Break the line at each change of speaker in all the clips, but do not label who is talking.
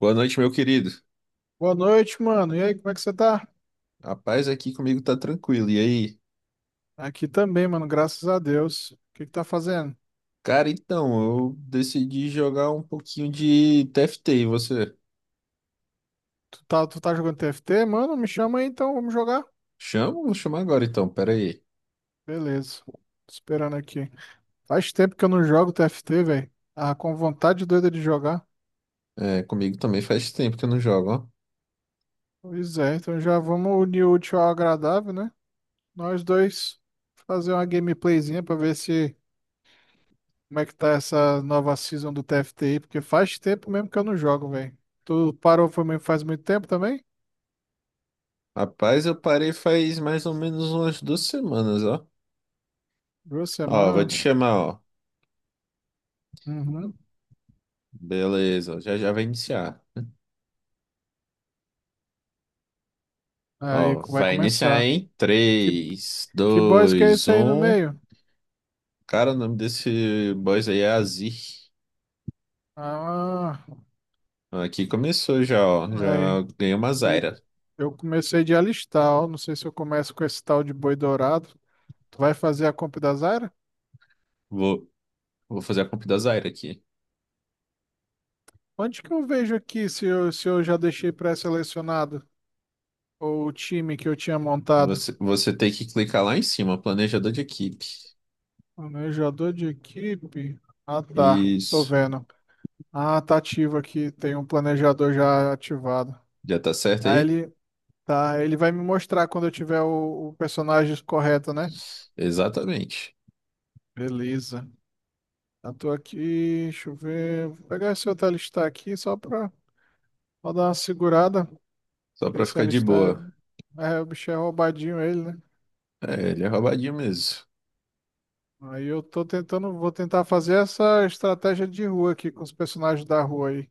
Boa noite, meu querido.
Boa noite, mano. E aí, como é que você tá?
A paz aqui comigo tá tranquilo. E aí?
Aqui também, mano, graças a Deus. O que que tá fazendo?
Cara, então, eu decidi jogar um pouquinho de TFT. E você?
Tu tá jogando TFT? Mano, me chama aí então, vamos jogar.
Chama? Vou chamar agora então, pera aí.
Beleza. Tô esperando aqui. Faz tempo que eu não jogo TFT, velho. Ah, com vontade doida de jogar.
É, comigo também faz tempo que eu não jogo, ó.
Pois é, então já vamos unir o útil ao agradável, né? Nós dois fazer uma gameplayzinha pra ver se como é que tá essa nova season do TFT aí, porque faz tempo mesmo que eu não jogo, velho. Tu parou faz muito tempo também?
Rapaz, eu parei faz mais ou menos umas 2 semanas, ó.
Duas
Ó, vou
semanas.
te chamar, ó.
Uhum.
Beleza, já já vai iniciar. Ó,
Vai
vai iniciar
começar.
em
Que,
três
que boys que é
dois
esse aí no
um
meio?
Cara, o nome desse boss aí é Azir.
Ah,
Aqui começou já, ó.
aí.
Já ganhei uma Zyra.
Eu, eu comecei de alistar, ó. Não sei se eu começo com esse tal de boi dourado. Tu vai fazer a compra da Zara?
Vou, vou fazer a comp da Zyra aqui.
Onde que eu vejo aqui se eu já deixei pré-selecionado? Ou o time que eu tinha montado?
Você tem que clicar lá em cima, planejador de equipe.
Planejador de equipe? Ah, tá. Tô
Isso.
vendo. Ah, tá ativo aqui. Tem um planejador já ativado.
Já tá certo
Aí
aí?
ele, Tá, ele vai me mostrar quando eu tiver o personagem correto, né?
Exatamente.
Beleza. Eu tô aqui, deixa eu ver. Vou pegar esse outro alistar aqui só pra pra dar uma segurada.
Só
Porque
pra
esse
ficar de
alistar
boa.
o bicho é roubadinho, ele, né?
É, ele é roubadinho mesmo.
Aí eu tô tentando, vou tentar fazer essa estratégia de rua aqui com os personagens da rua aí.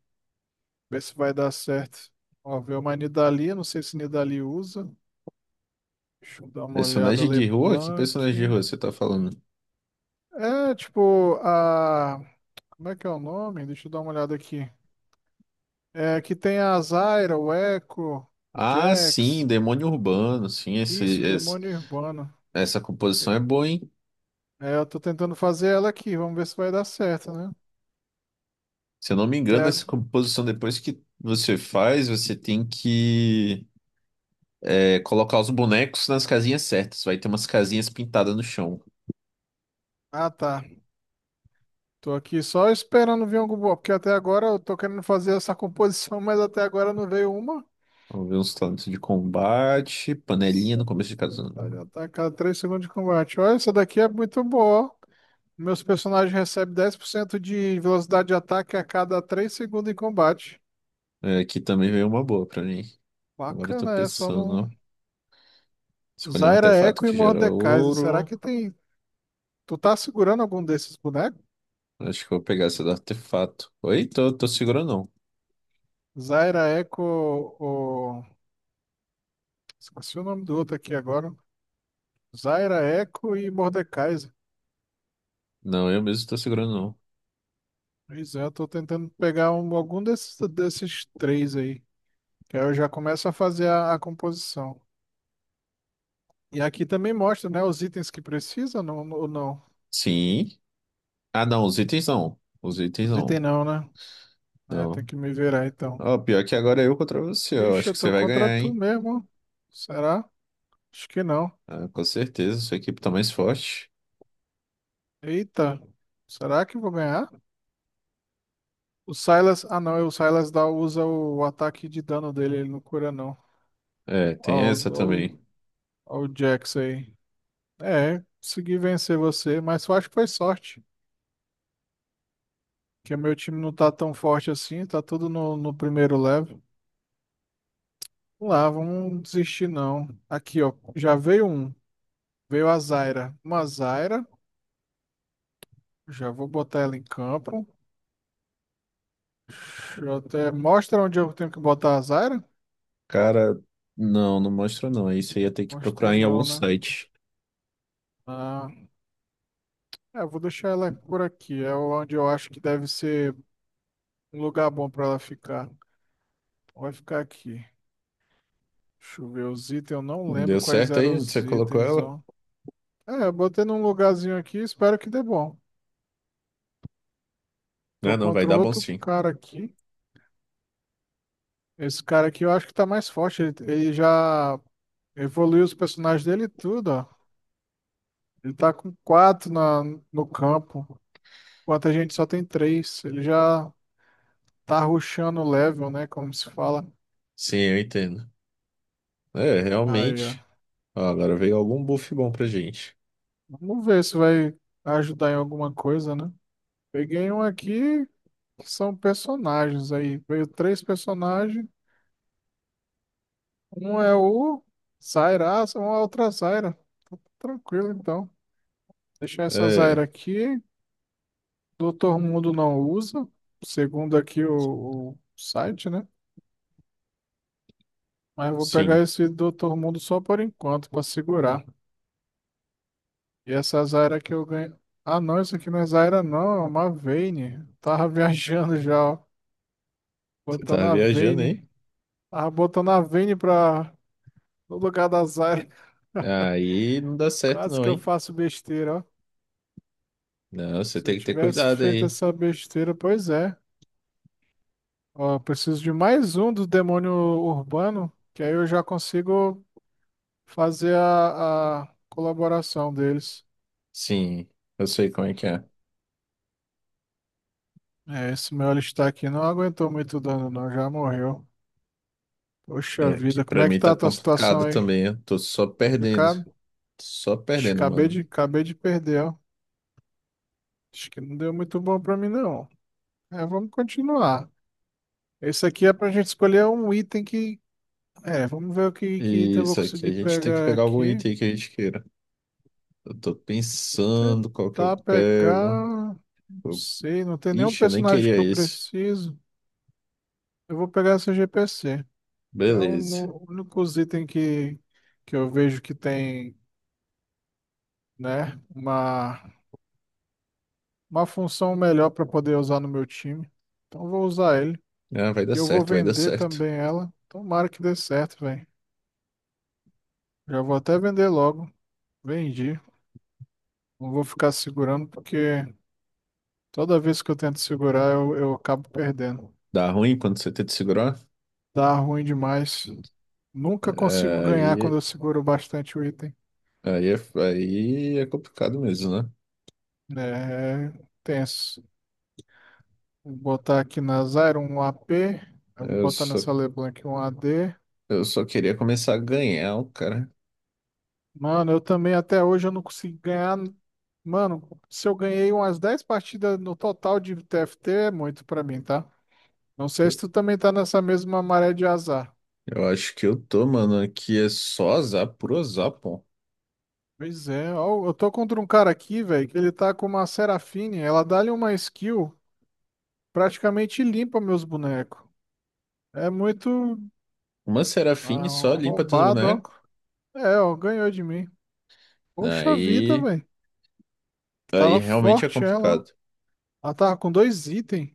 Ver se vai dar certo. Ó, ver uma Nidalee, não sei se Nidalee usa. Deixa eu dar uma olhada.
Personagem de rua? Que
LeBlanc.
personagem de rua você tá falando?
É, tipo, a. Como é que é o nome? Deixa eu dar uma olhada aqui. É, que tem a Zyra, o Echo, o
Ah, sim,
Jax.
demônio urbano. Sim,
Isso, Demônio Urbano.
essa composição é boa, hein?
É, eu tô tentando fazer ela aqui. Vamos ver se vai dar certo, né?
Se eu não me
Até
engano,
a-
essa composição, depois que você faz, você tem que é, colocar os bonecos nas casinhas certas. Vai ter umas casinhas pintadas no chão.
Ah, tá. Tô aqui só esperando vir algum boa, porque até agora eu tô querendo fazer essa composição, mas até agora não veio uma.
Vamos ver uns talentos de combate, panelinha
Isso é
no começo
muito
de cada zona.
vontade, já tá a cada 3 segundos de combate. Olha, essa daqui é muito boa, ó. Meus personagens recebem 10% de velocidade de ataque a cada 3 segundos em combate.
É, aqui também veio uma boa pra mim. Agora eu tô
Bacana essa. Só
pensando,
não,
ó. Escolhi um
Zaira
artefato
Echo e
que gera
Mordekaiser. Será
ouro.
que tem. Tu tá segurando algum desses bonecos?
Acho que eu vou pegar esse do artefato. Oi, tô segurando não.
Zaira Echo ou. Esqueci o nome do outro aqui agora. Zaira Echo e Mordekaiser.
Não, eu mesmo tô segurando não.
Pois é, eu tô tentando pegar algum desses três aí. Que aí eu já começo a fazer a composição. E aqui também mostra, né? Os itens que precisa não, ou não.
Sim. Ah, não, os itens não. Os itens
Os itens
não.
não, né? É, tem
Não.
que me virar então.
Ó, pior que agora é eu contra você, ó.
Ixi,
Acho
eu
que você
tô
vai
contra
ganhar,
tu
hein?
mesmo. Será? Acho que não.
Ah, com certeza, sua equipe tá mais forte.
Eita. Será que eu vou ganhar? O Silas. Ah, não. É, o Silas dá, usa o ataque de dano dele. Ele não cura, não.
É, tem
Ó,
essa
ó,
também.
ó o Jax aí. É, consegui vencer você, mas eu acho que foi sorte. Porque meu time não tá tão forte assim. Tá tudo no primeiro level. Vamos lá, vamos desistir, não. Aqui, ó. Já veio um. Veio a Zyra. Uma Zyra. Já vou botar ela em campo. Deixa eu até... Mostra onde eu tenho que botar a Zyra?
Cara, não, não mostra não. Aí você ia ter que
Mostra
procurar em algum
não, né?
site.
Ah, é, eu vou deixar ela por aqui. É onde eu acho que deve ser um lugar bom para ela ficar. Vai ficar aqui. Deixa eu ver os itens. Eu não
Deu
lembro quais
certo
eram
aí onde
os
você colocou
itens,
ela?
ó. É, eu botei num lugarzinho aqui. Espero que dê bom.
Não, é
Tô
não, vai
contra um
dar bom
outro
sim.
cara aqui. Esse cara aqui eu acho que tá mais forte. Ele já evoluiu os personagens dele e tudo, ó. Ele tá com quatro no campo. Enquanto a gente só tem três. Ele já tá rushando o level, né? Como se fala.
Sim, eu entendo. É,
Aí, ó.
realmente. Ó, agora veio algum buff bom pra gente.
Vamos ver se vai ajudar em alguma coisa, né? Peguei um aqui que são personagens aí. Veio três personagens. Um é o Zaira, ah, uma outra Zaira. Tá tranquilo, então. Deixar essa
É,
Zaira aqui. Doutor Mundo não usa, segundo aqui o site, né? Mas eu vou pegar
sim.
esse Doutor Mundo só por enquanto, para segurar. E essa Zaira que eu ganho. Ah, não, isso aqui não é Zaira, não. É uma Vayne. Tava viajando já, ó.
Você
Botando
tava
a
viajando, hein?
Vayne. Ah, botando a Vini pra... no lugar da Zyra.
Aí não dá certo
Quase
não,
que eu
hein?
faço besteira, ó.
Não, você
Se eu
tem que ter
tivesse
cuidado
feito
aí.
essa besteira, pois é. Ó, eu preciso de mais um do demônio urbano, que aí eu já consigo fazer a colaboração deles.
Sim, eu sei como é que é.
É, esse meu alistar aqui não aguentou muito dano, não. Já morreu. Poxa
É, que
vida, como
pra
é que
mim
tá
tá
a tua situação
complicado
aí?
também. Eu tô só perdendo.
Complicado?
Só
Ixi,
perdendo, mano.
acabei de perder, ó. Acho que não deu muito bom pra mim, não. É, vamos continuar. Esse aqui é pra gente escolher um item que. É, vamos ver que item
E
eu vou
só que a
conseguir
gente tem que
pegar
pegar algum
aqui.
item que a gente queira. Eu tô pensando qual que eu
Tentar pegar.
pego.
Não
Eu-
sei, não tem nenhum
Ixi, eu nem
personagem
queria
que eu
esse.
preciso. Eu vou pegar essa GPC. É um,
Beleza.
o único item que eu vejo que tem, né, uma função melhor para poder usar no meu time. Então eu vou usar ele.
Ah, vai dar
E eu vou
certo, vai dar
vender
certo.
também ela. Tomara que dê certo, velho. Já vou até vender logo. Vendi. Não vou ficar segurando porque. Toda vez que eu tento segurar, eu acabo perdendo.
Dá ruim quando você tenta segurar?
Dá ruim demais. Nunca consigo
É.
ganhar quando eu seguro bastante o item.
Aí, é, aí é complicado mesmo, né?
É tenso. Vou botar aqui na Zyra um AP. Eu vou
Eu
botar
só,
nessa LeBlanc um AD.
eu só queria começar a ganhar, cara.
Mano, eu também até hoje eu não consigo ganhar. Mano, se eu ganhei umas 10 partidas no total de TFT, é muito pra mim, tá? Não
Eu
sei se tu também tá nessa mesma maré de azar.
eu acho que eu tô, mano. Aqui é só azar por azar, pô.
Pois é, ó, eu tô contra um cara aqui, velho, que ele tá com uma Serafine, ela dá-lhe uma skill, praticamente limpa meus bonecos. É muito
Uma Serafine só limpa teus
roubado,
bonecos?
ó. É, ó, ganhou de mim. Poxa vida,
Aí,
velho.
aí
Tava
realmente é
forte ela, ó.
complicado.
Ela tava com dois itens.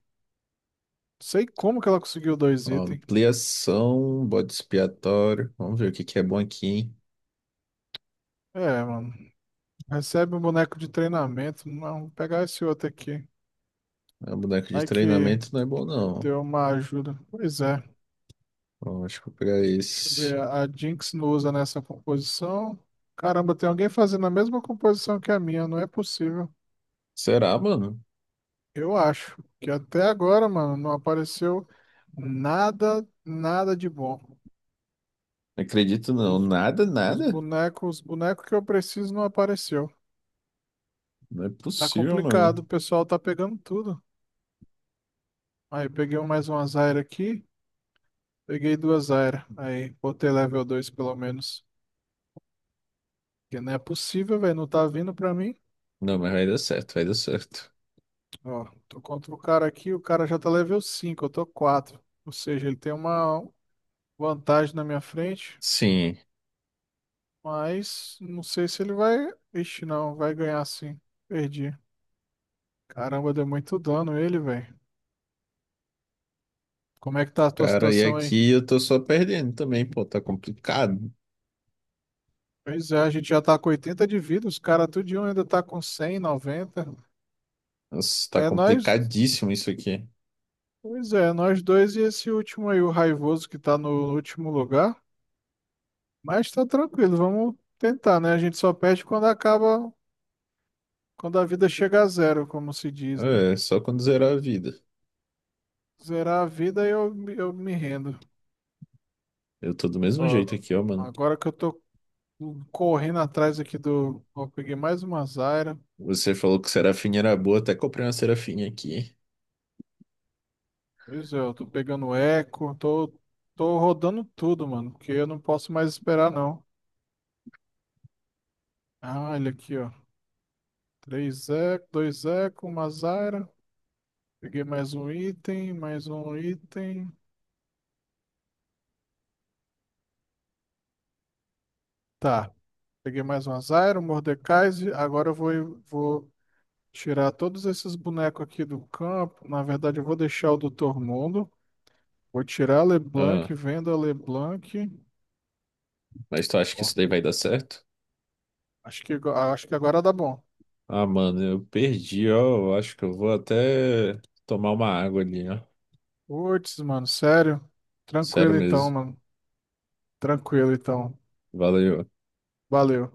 Sei como que ela conseguiu dois itens.
Ampliação, bode expiatório. Vamos ver o que que é bom aqui, hein?
É, mano. Recebe um boneco de treinamento. Não, vou pegar esse outro aqui.
Ah, boneco de
Vai que
treinamento não é bom, não.
deu uma ajuda. Pois é.
Ó, acho que eu vou pegar
Deixa eu
esse.
ver, a Jinx não usa nessa composição. Caramba, tem alguém fazendo a mesma composição que a minha, não é possível.
Será, mano?
Eu acho que até agora, mano, não apareceu nada de bom.
Não acredito, não.
Os,
Nada, nada.
os bonecos que eu preciso não apareceu.
Não é
Tá
possível, mano.
complicado, o pessoal tá pegando tudo. Aí peguei mais uma Zyra aqui, peguei duas Zyra. Aí botei level 2 pelo menos. Porque não é possível, velho, não tá vindo pra mim.
Não, mas vai dar certo, vai dar certo.
Ó, tô contra o cara aqui, o cara já tá level 5 eu tô quatro. Ou seja, ele tem uma vantagem na minha frente,
Sim.
mas não sei se ele vai. Ixi, não, vai ganhar sim. Perdi. Caramba, deu muito dano ele, velho. Como é que tá a tua
Cara, e
situação aí?
aqui eu tô só perdendo também, pô. Tá complicado.
Pois é, a gente já tá com 80 de vida, os caras tudinho ainda tá com 100 90.
Nossa, tá
É nós.
complicadíssimo isso aqui.
Pois é, nós dois e esse último aí, o raivoso que tá no último lugar. Mas tá tranquilo, vamos tentar, né? A gente só perde quando acaba. Quando a vida chega a zero, como se diz, né?
É, só quando zerar a vida.
Zerar a vida, eu me rendo.
Eu tô do mesmo
Ó,
jeito aqui, ó, mano.
agora que eu tô correndo atrás aqui do. Ó, peguei mais uma Zyra.
Você falou que Serafinha era boa, até comprei uma Serafinha aqui.
Pois é, eu tô pegando eco, tô rodando tudo, mano, porque eu não posso mais esperar, não. Ah, olha aqui, ó. Três eco, dois eco, uma Zyra. Peguei mais um item, mais um item. Tá. Peguei mais uma Zyra, um Mordekaiser. Agora vou tirar todos esses bonecos aqui do campo. Na verdade, eu vou deixar o Doutor Mundo. Vou tirar a LeBlanc,
Ah,
vendo a LeBlanc.
mas tu acha que
Ó,
isso daí vai dar certo?
acho que agora dá bom.
Ah, mano, eu perdi, ó. Eu acho que eu vou até tomar uma água ali, ó.
Putz, mano, sério?
Sério
Tranquilo então,
mesmo.
mano. Tranquilo então.
Valeu.
Valeu.